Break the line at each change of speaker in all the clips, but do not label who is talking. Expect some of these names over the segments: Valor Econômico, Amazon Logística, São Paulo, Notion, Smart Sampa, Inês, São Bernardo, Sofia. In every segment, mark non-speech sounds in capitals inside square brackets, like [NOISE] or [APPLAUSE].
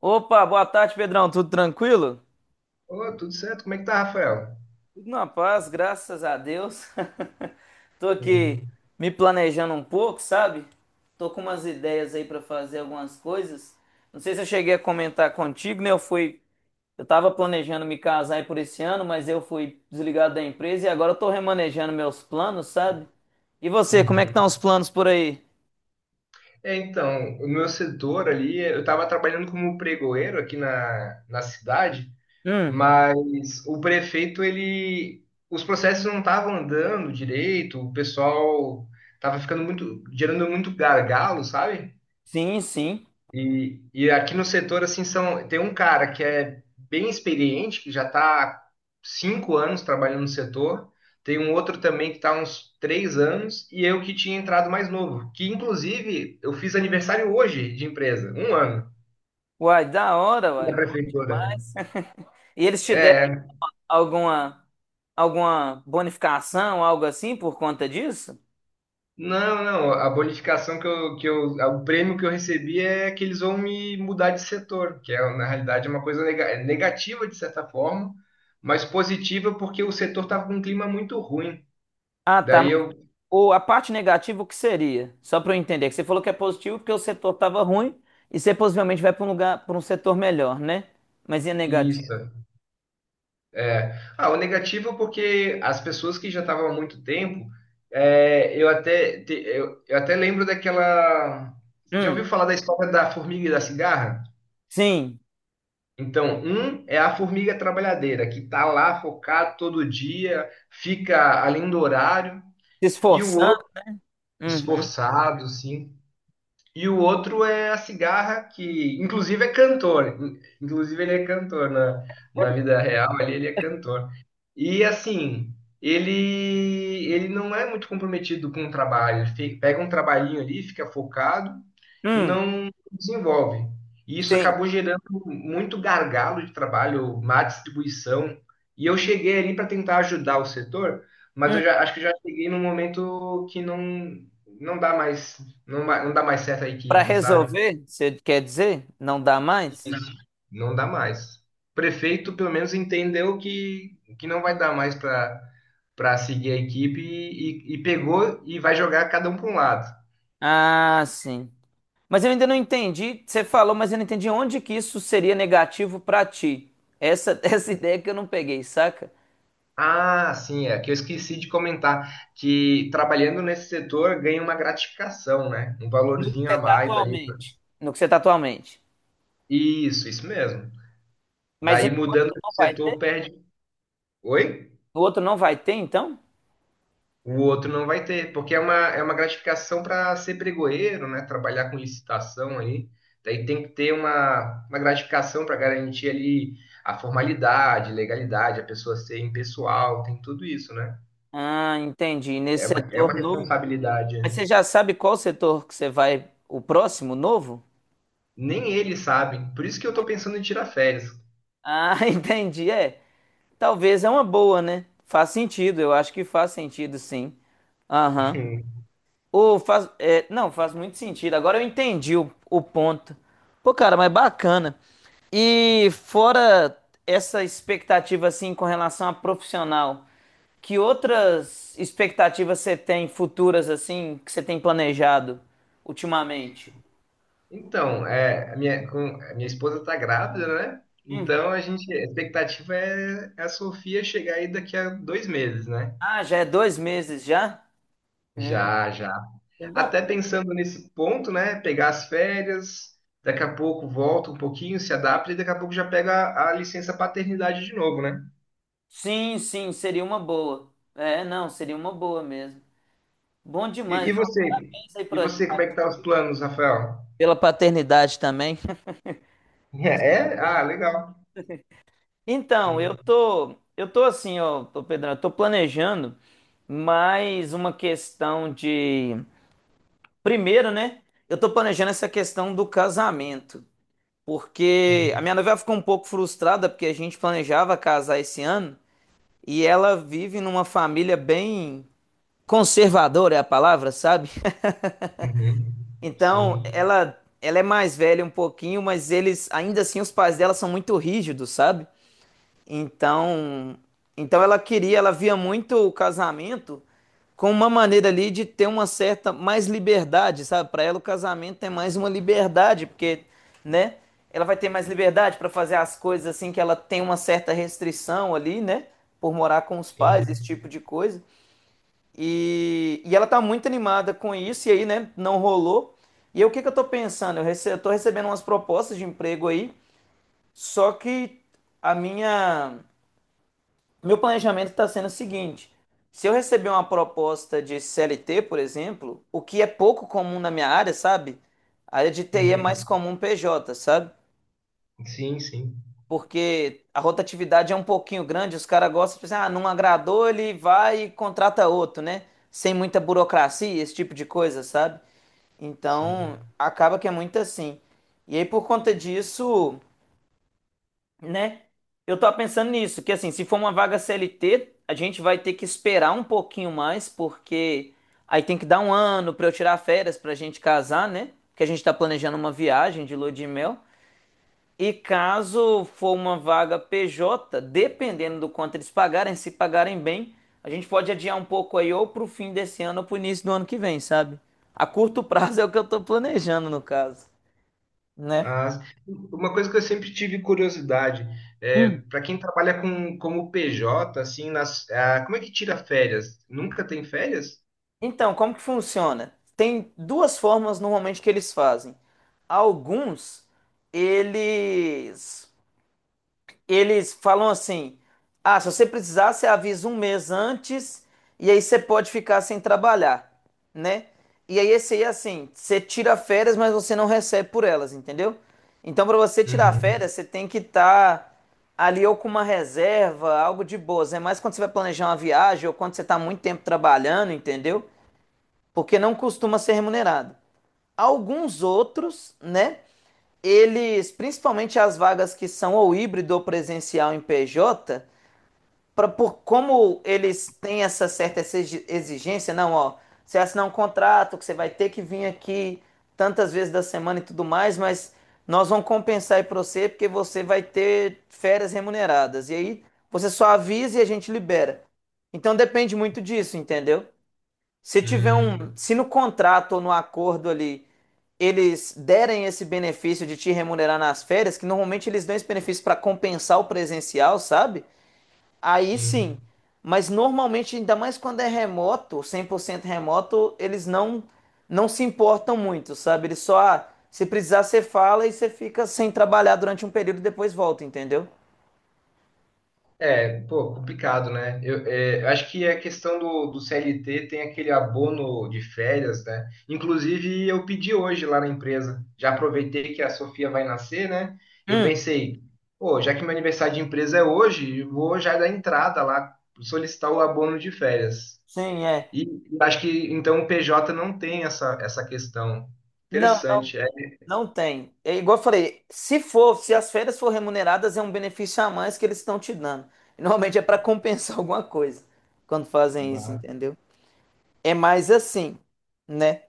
Opa, boa tarde, Pedrão. Tudo tranquilo?
Ô, tudo certo? Como é que tá, Rafael?
Tudo na paz, graças a Deus. [LAUGHS] Tô aqui
Uhum.
me planejando um pouco, sabe? Tô com umas ideias aí pra fazer algumas coisas. Não sei se eu cheguei a comentar contigo, né? Eu tava planejando me casar aí por esse ano, mas eu fui desligado da empresa e agora eu tô remanejando meus planos, sabe? E você, como é que
Uhum.
estão os planos por aí?
É, então, o meu setor ali, eu estava trabalhando como pregoeiro aqui na cidade,
Hum,
mas o prefeito, ele, os processos não estavam andando direito, o pessoal estava ficando muito, gerando muito gargalo, sabe?
sim, sim.
E aqui no setor, assim, são, tem um cara que é bem experiente, que já está há 5 anos trabalhando no setor, tem um outro também que está há uns 3 anos, e eu que tinha entrado mais novo, que inclusive eu fiz aniversário hoje de empresa, um ano
Uai, da hora,
da
uai.
prefeitura.
[LAUGHS] E eles te deram
É,
alguma alguma bonificação, algo assim por conta disso?
não, não, a bonificação que eu, o prêmio que eu recebi é que eles vão me mudar de setor, que é, na realidade, é uma coisa é negativa, de certa forma, mas positiva porque o setor estava com um clima muito ruim.
Ah, tá.
Daí
Mas
eu,
a parte negativa, o que seria? Só para eu entender, que você falou que é positivo porque o setor estava ruim e você possivelmente vai para um lugar, para um setor melhor, né? Mas e a negativa?
isso, é. Ah, o negativo é porque as pessoas que já estavam há muito tempo, é, eu até, eu até lembro daquela, já
Hum,
ouviu falar da história da formiga e da cigarra?
sim.
Então, um é a formiga trabalhadeira, que está lá focado todo dia, fica além do horário,
Se
e o
esforçando.
outro,
Uhum.
esforçado, sim, e o outro é a cigarra, que inclusive é cantor. Inclusive ele é cantor na vida real, ali ele é cantor. E assim, ele não é muito comprometido com o trabalho. Ele pega um trabalhinho ali, fica focado e
Hum,
não desenvolve. E isso
sim.
acabou gerando muito gargalo de trabalho, má distribuição. E eu cheguei ali para tentar ajudar o setor, mas eu
Hum.
já acho que já cheguei num momento que não dá mais não, não dá mais certo a
Para
equipe, sabe?
resolver, você quer dizer? Não dá mais?
Isso. Não dá mais. O prefeito, pelo menos, entendeu que não vai dar mais para seguir a equipe e pegou e vai jogar cada um para um lado.
Ah, sim. Mas eu ainda não entendi, você falou, mas eu não entendi onde que isso seria negativo pra ti. Essa, [LAUGHS] essa ideia que eu não peguei, saca?
Ah, sim, é que eu esqueci de comentar que trabalhando nesse setor ganha uma gratificação, né? Um
No que
valorzinho
você
a
está
mais ali.
atualmente. No que você tá atualmente.
Isso mesmo.
Mas e
Daí
no
mudando
outro
de
não vai
setor
ter?
perde. Oi?
No outro não vai ter, então?
O outro não vai ter, porque é uma gratificação para ser pregoeiro, né? Trabalhar com licitação aí. Daí tem que ter uma gratificação para garantir ali a formalidade, legalidade, a pessoa ser impessoal, tem tudo isso, né?
Ah, entendi.
É
Nesse
uma, é
setor
uma
novo.
responsabilidade.
Mas você já sabe qual setor que você vai, o próximo novo?
Nem ele sabe. Por isso que eu tô pensando em tirar férias.
Ah, [LAUGHS] entendi. É. Talvez é uma boa, né? Faz sentido, eu acho que faz sentido, sim. Aham.
[LAUGHS]
Ô, faz, é, não, faz muito sentido. Agora eu entendi o ponto. Pô, cara, mas bacana. E fora essa expectativa, assim, com relação a profissional, que outras expectativas você tem futuras, assim, que você tem planejado ultimamente?
Então, é, a minha esposa tá grávida, né? Então
Uhum.
a gente, a expectativa é a Sofia chegar aí daqui a 2 meses, né?
Ah, já é 2 meses já? Hum,
Já, já.
dá
Até pensando nesse ponto, né? Pegar as férias, daqui a pouco volta um pouquinho, se adapta e daqui a pouco já pega a licença paternidade de novo, né?
sim, sim, seria uma boa. É, não, seria uma boa mesmo. Bom demais.
E você?
Parabéns aí
E você, como é que tá os planos, Rafael? [LAUGHS]
pela paternidade também.
É? Ah,
[LAUGHS]
legal.
Então, eu
Hum,
tô, eu tô assim, ó, ô Pedrão, eu tô planejando mais uma questão de. Primeiro, né? Eu tô planejando essa questão do casamento, porque a
uhum,
minha noiva ficou um pouco frustrada porque a gente planejava casar esse ano e ela vive numa família bem conservadora, é a palavra, sabe?
uhum.
Então,
Sim,
ela é mais velha um pouquinho, mas eles, ainda assim, os pais dela são muito rígidos, sabe? Então, ela queria, ela via muito o casamento como uma maneira ali de ter uma certa mais liberdade, sabe? Para ela o casamento é mais uma liberdade, porque, né? Ela vai ter mais liberdade para fazer as coisas assim que ela tem uma certa restrição ali, né? Por morar com os pais, esse
sim.
tipo de coisa. E ela tá muito animada com isso, e aí, né, não rolou. E aí, o que que eu tô pensando? Eu tô recebendo umas propostas de emprego aí, só que a minha meu planejamento está sendo o seguinte: se eu receber uma proposta de CLT, por exemplo, o que é pouco comum na minha área, sabe? A área de TI é mais
Uhum.
comum PJ, sabe?
Sim, sim,
Porque a rotatividade é um pouquinho grande, os caras gostam de pensar, ah, não agradou, ele vai e contrata outro, né? Sem muita burocracia, esse tipo de coisa, sabe? Então,
sim.
acaba que é muito assim. E aí, por conta disso. Né? Eu tava pensando nisso, que assim, se for uma vaga CLT, a gente vai ter que esperar um pouquinho mais, porque aí tem que dar um ano pra eu tirar férias pra gente casar, né? Que a gente tá planejando uma viagem de lua de mel. E caso for uma vaga PJ, dependendo do quanto eles pagarem, se pagarem bem, a gente pode adiar um pouco aí ou pro fim desse ano ou pro início do ano que vem, sabe? A curto prazo é o que eu tô planejando no caso, né?
Ah, uma coisa que eu sempre tive curiosidade, é, para quem trabalha com, como PJ, assim, nas, ah, como é que tira férias? Nunca tem férias?
Então, como que funciona? Tem duas formas normalmente que eles fazem. Alguns, eles eles falam assim: "Ah, se você precisar, você avisa um mês antes e aí você pode ficar sem trabalhar", né? E aí esse aí é assim, você tira férias, mas você não recebe por elas, entendeu? Então, para você tirar
Uhum.
férias, você tem que estar ali ou com uma reserva, algo de boas. É mais quando você vai planejar uma viagem ou quando você está muito tempo trabalhando, entendeu? Porque não costuma ser remunerado. Alguns outros, né? Eles, principalmente as vagas que são ou híbrido ou presencial em PJ, pra, por como eles têm essa certa exigência, não, ó, você assinar um contrato que você vai ter que vir aqui tantas vezes da semana e tudo mais, mas nós vamos compensar aí para você porque você vai ter férias remuneradas. E aí você só avisa e a gente libera. Então depende muito disso, entendeu? Se tiver
Hum,
um, se no contrato ou no acordo ali eles derem esse benefício de te remunerar nas férias, que normalmente eles dão esse benefício para compensar o presencial, sabe? Aí
sim.
sim. Mas normalmente, ainda mais quando é remoto, 100% remoto, eles não se importam muito, sabe? Eles só, ah, se precisar, você fala e você fica sem trabalhar durante um período e depois volta, entendeu?
É, pô, complicado, né? Eu acho que a questão do CLT tem aquele abono de férias, né? Inclusive, eu pedi hoje lá na empresa. Já aproveitei que a Sofia vai nascer, né? Eu
Hum,
pensei, pô, já que meu aniversário de empresa é hoje, eu vou já dar entrada lá, solicitar o abono de férias.
sim, é.
E eu acho que, então, o PJ não tem essa questão.
Não,
Interessante,
não tem. É igual eu falei, se for, se as férias for remuneradas, é um benefício a mais que eles estão te dando. E, normalmente é para compensar [LAUGHS] alguma coisa quando fazem isso,
é.
entendeu? É mais assim, né?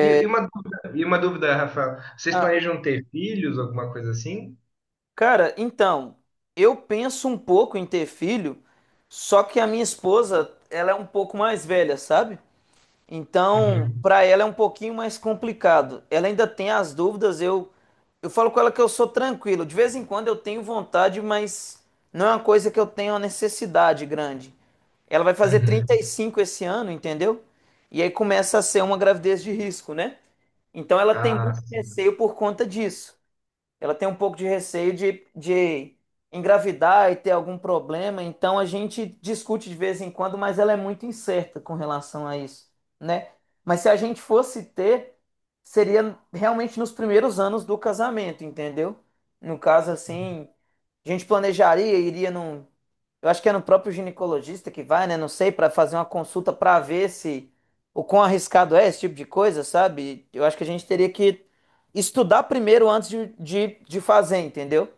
E uma dúvida, Rafael. Vocês
Ah,
planejam ter filhos, alguma coisa assim?
cara, então, eu penso um pouco em ter filho, só que a minha esposa, ela é um pouco mais velha, sabe? Então,
Uhum.
para ela é um pouquinho mais complicado. Ela ainda tem as dúvidas. Eu falo com ela que eu sou tranquilo. De vez em quando eu tenho vontade, mas não é uma coisa que eu tenho uma necessidade grande. Ela vai fazer trinta
Uhum.
e cinco esse ano, entendeu? E aí começa a ser uma gravidez de risco, né? Então ela tem
Ah,
muito
s-
receio por conta disso. Ela tem um pouco de receio de engravidar e ter algum problema, então a gente discute de vez em quando, mas ela é muito incerta com relação a isso, né? Mas se a gente fosse ter, seria realmente nos primeiros anos do casamento, entendeu? No caso, assim, a gente planejaria, iria num. Eu acho que é no próprio ginecologista que vai, né? Não sei, para fazer uma consulta para ver se o quão arriscado é esse tipo de coisa, sabe? Eu acho que a gente teria que estudar primeiro antes de fazer, entendeu?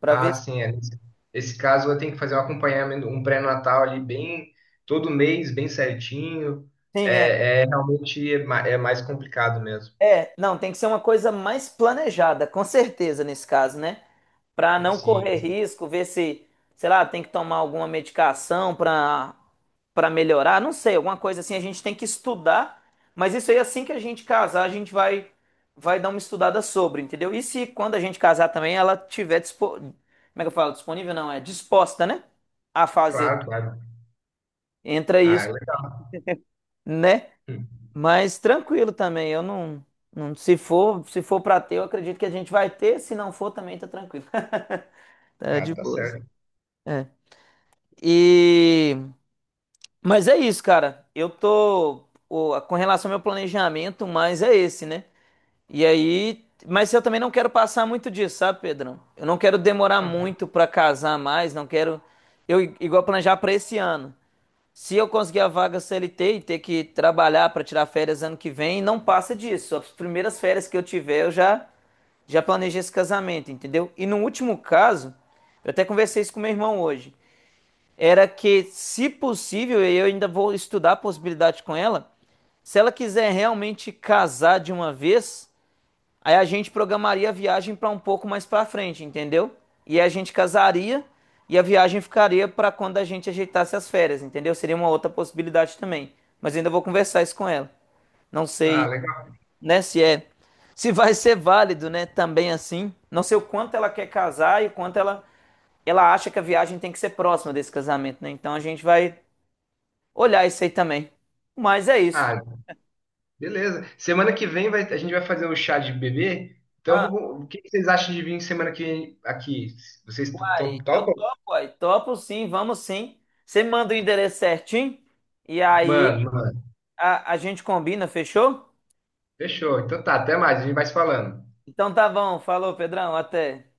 Para
ah,
ver se.
sim, é. Nesse esse caso eu tenho que fazer um acompanhamento, um pré-natal ali bem todo mês, bem certinho.
Sim, é.
É realmente é mais complicado mesmo.
É, não, tem que ser uma coisa mais planejada, com certeza, nesse caso, né? Para não
Sim,
correr risco, ver se, sei lá, tem que tomar alguma medicação para melhorar, não sei, alguma coisa assim, a gente tem que estudar, mas isso aí, assim que a gente casar, a gente vai dar uma estudada sobre, entendeu? E se quando a gente casar também ela tiver dispo... Como é que eu falo? Disponível não, é disposta, né? A fazer.
claro, claro.
Entra
Ah,
isso, né?
hum.
Mas tranquilo também, eu não, não se for, se for para ter, eu acredito que a gente vai ter, se não for também tá tranquilo. [LAUGHS] Tá
Ah,
de
tá
boas.
certo.
É. E mas é isso, cara. Eu tô com relação ao meu planejamento, mas é esse, né? E aí, mas eu também não quero passar muito disso, sabe, Pedrão? Eu não quero demorar
Ah,
muito pra casar mais, não quero eu igual planejar pra esse ano. Se eu conseguir a vaga CLT e ter que trabalhar para tirar férias ano que vem, não passa disso. As primeiras férias que eu tiver, eu já planejei esse casamento, entendeu? E no último caso, eu até conversei isso com meu irmão hoje, era que se possível, e eu ainda vou estudar a possibilidade com ela, se ela quiser realmente casar de uma vez, aí a gente programaria a viagem para um pouco mais para frente, entendeu? E a gente casaria e a viagem ficaria para quando a gente ajeitasse as férias, entendeu? Seria uma outra possibilidade também. Mas ainda vou conversar isso com ela. Não
ah,
sei,
legal.
né, se é, se vai ser válido, né, também assim. Não sei o quanto ela quer casar e o quanto ela acha que a viagem tem que ser próxima desse casamento, né? Então a gente vai olhar isso aí também. Mas é isso.
Ah, beleza. Semana que vem a gente vai fazer o chá de bebê.
Ah,
Então, o que que vocês acham de vir semana que vem aqui? Vocês estão
uai, eu
topam?
topo, uai. Topo sim, vamos sim. Você manda o endereço certinho e aí
Mano, mano.
a gente combina, fechou?
Fechou. Então tá, até mais. A gente vai se falando.
Então tá bom, falou, Pedrão, até.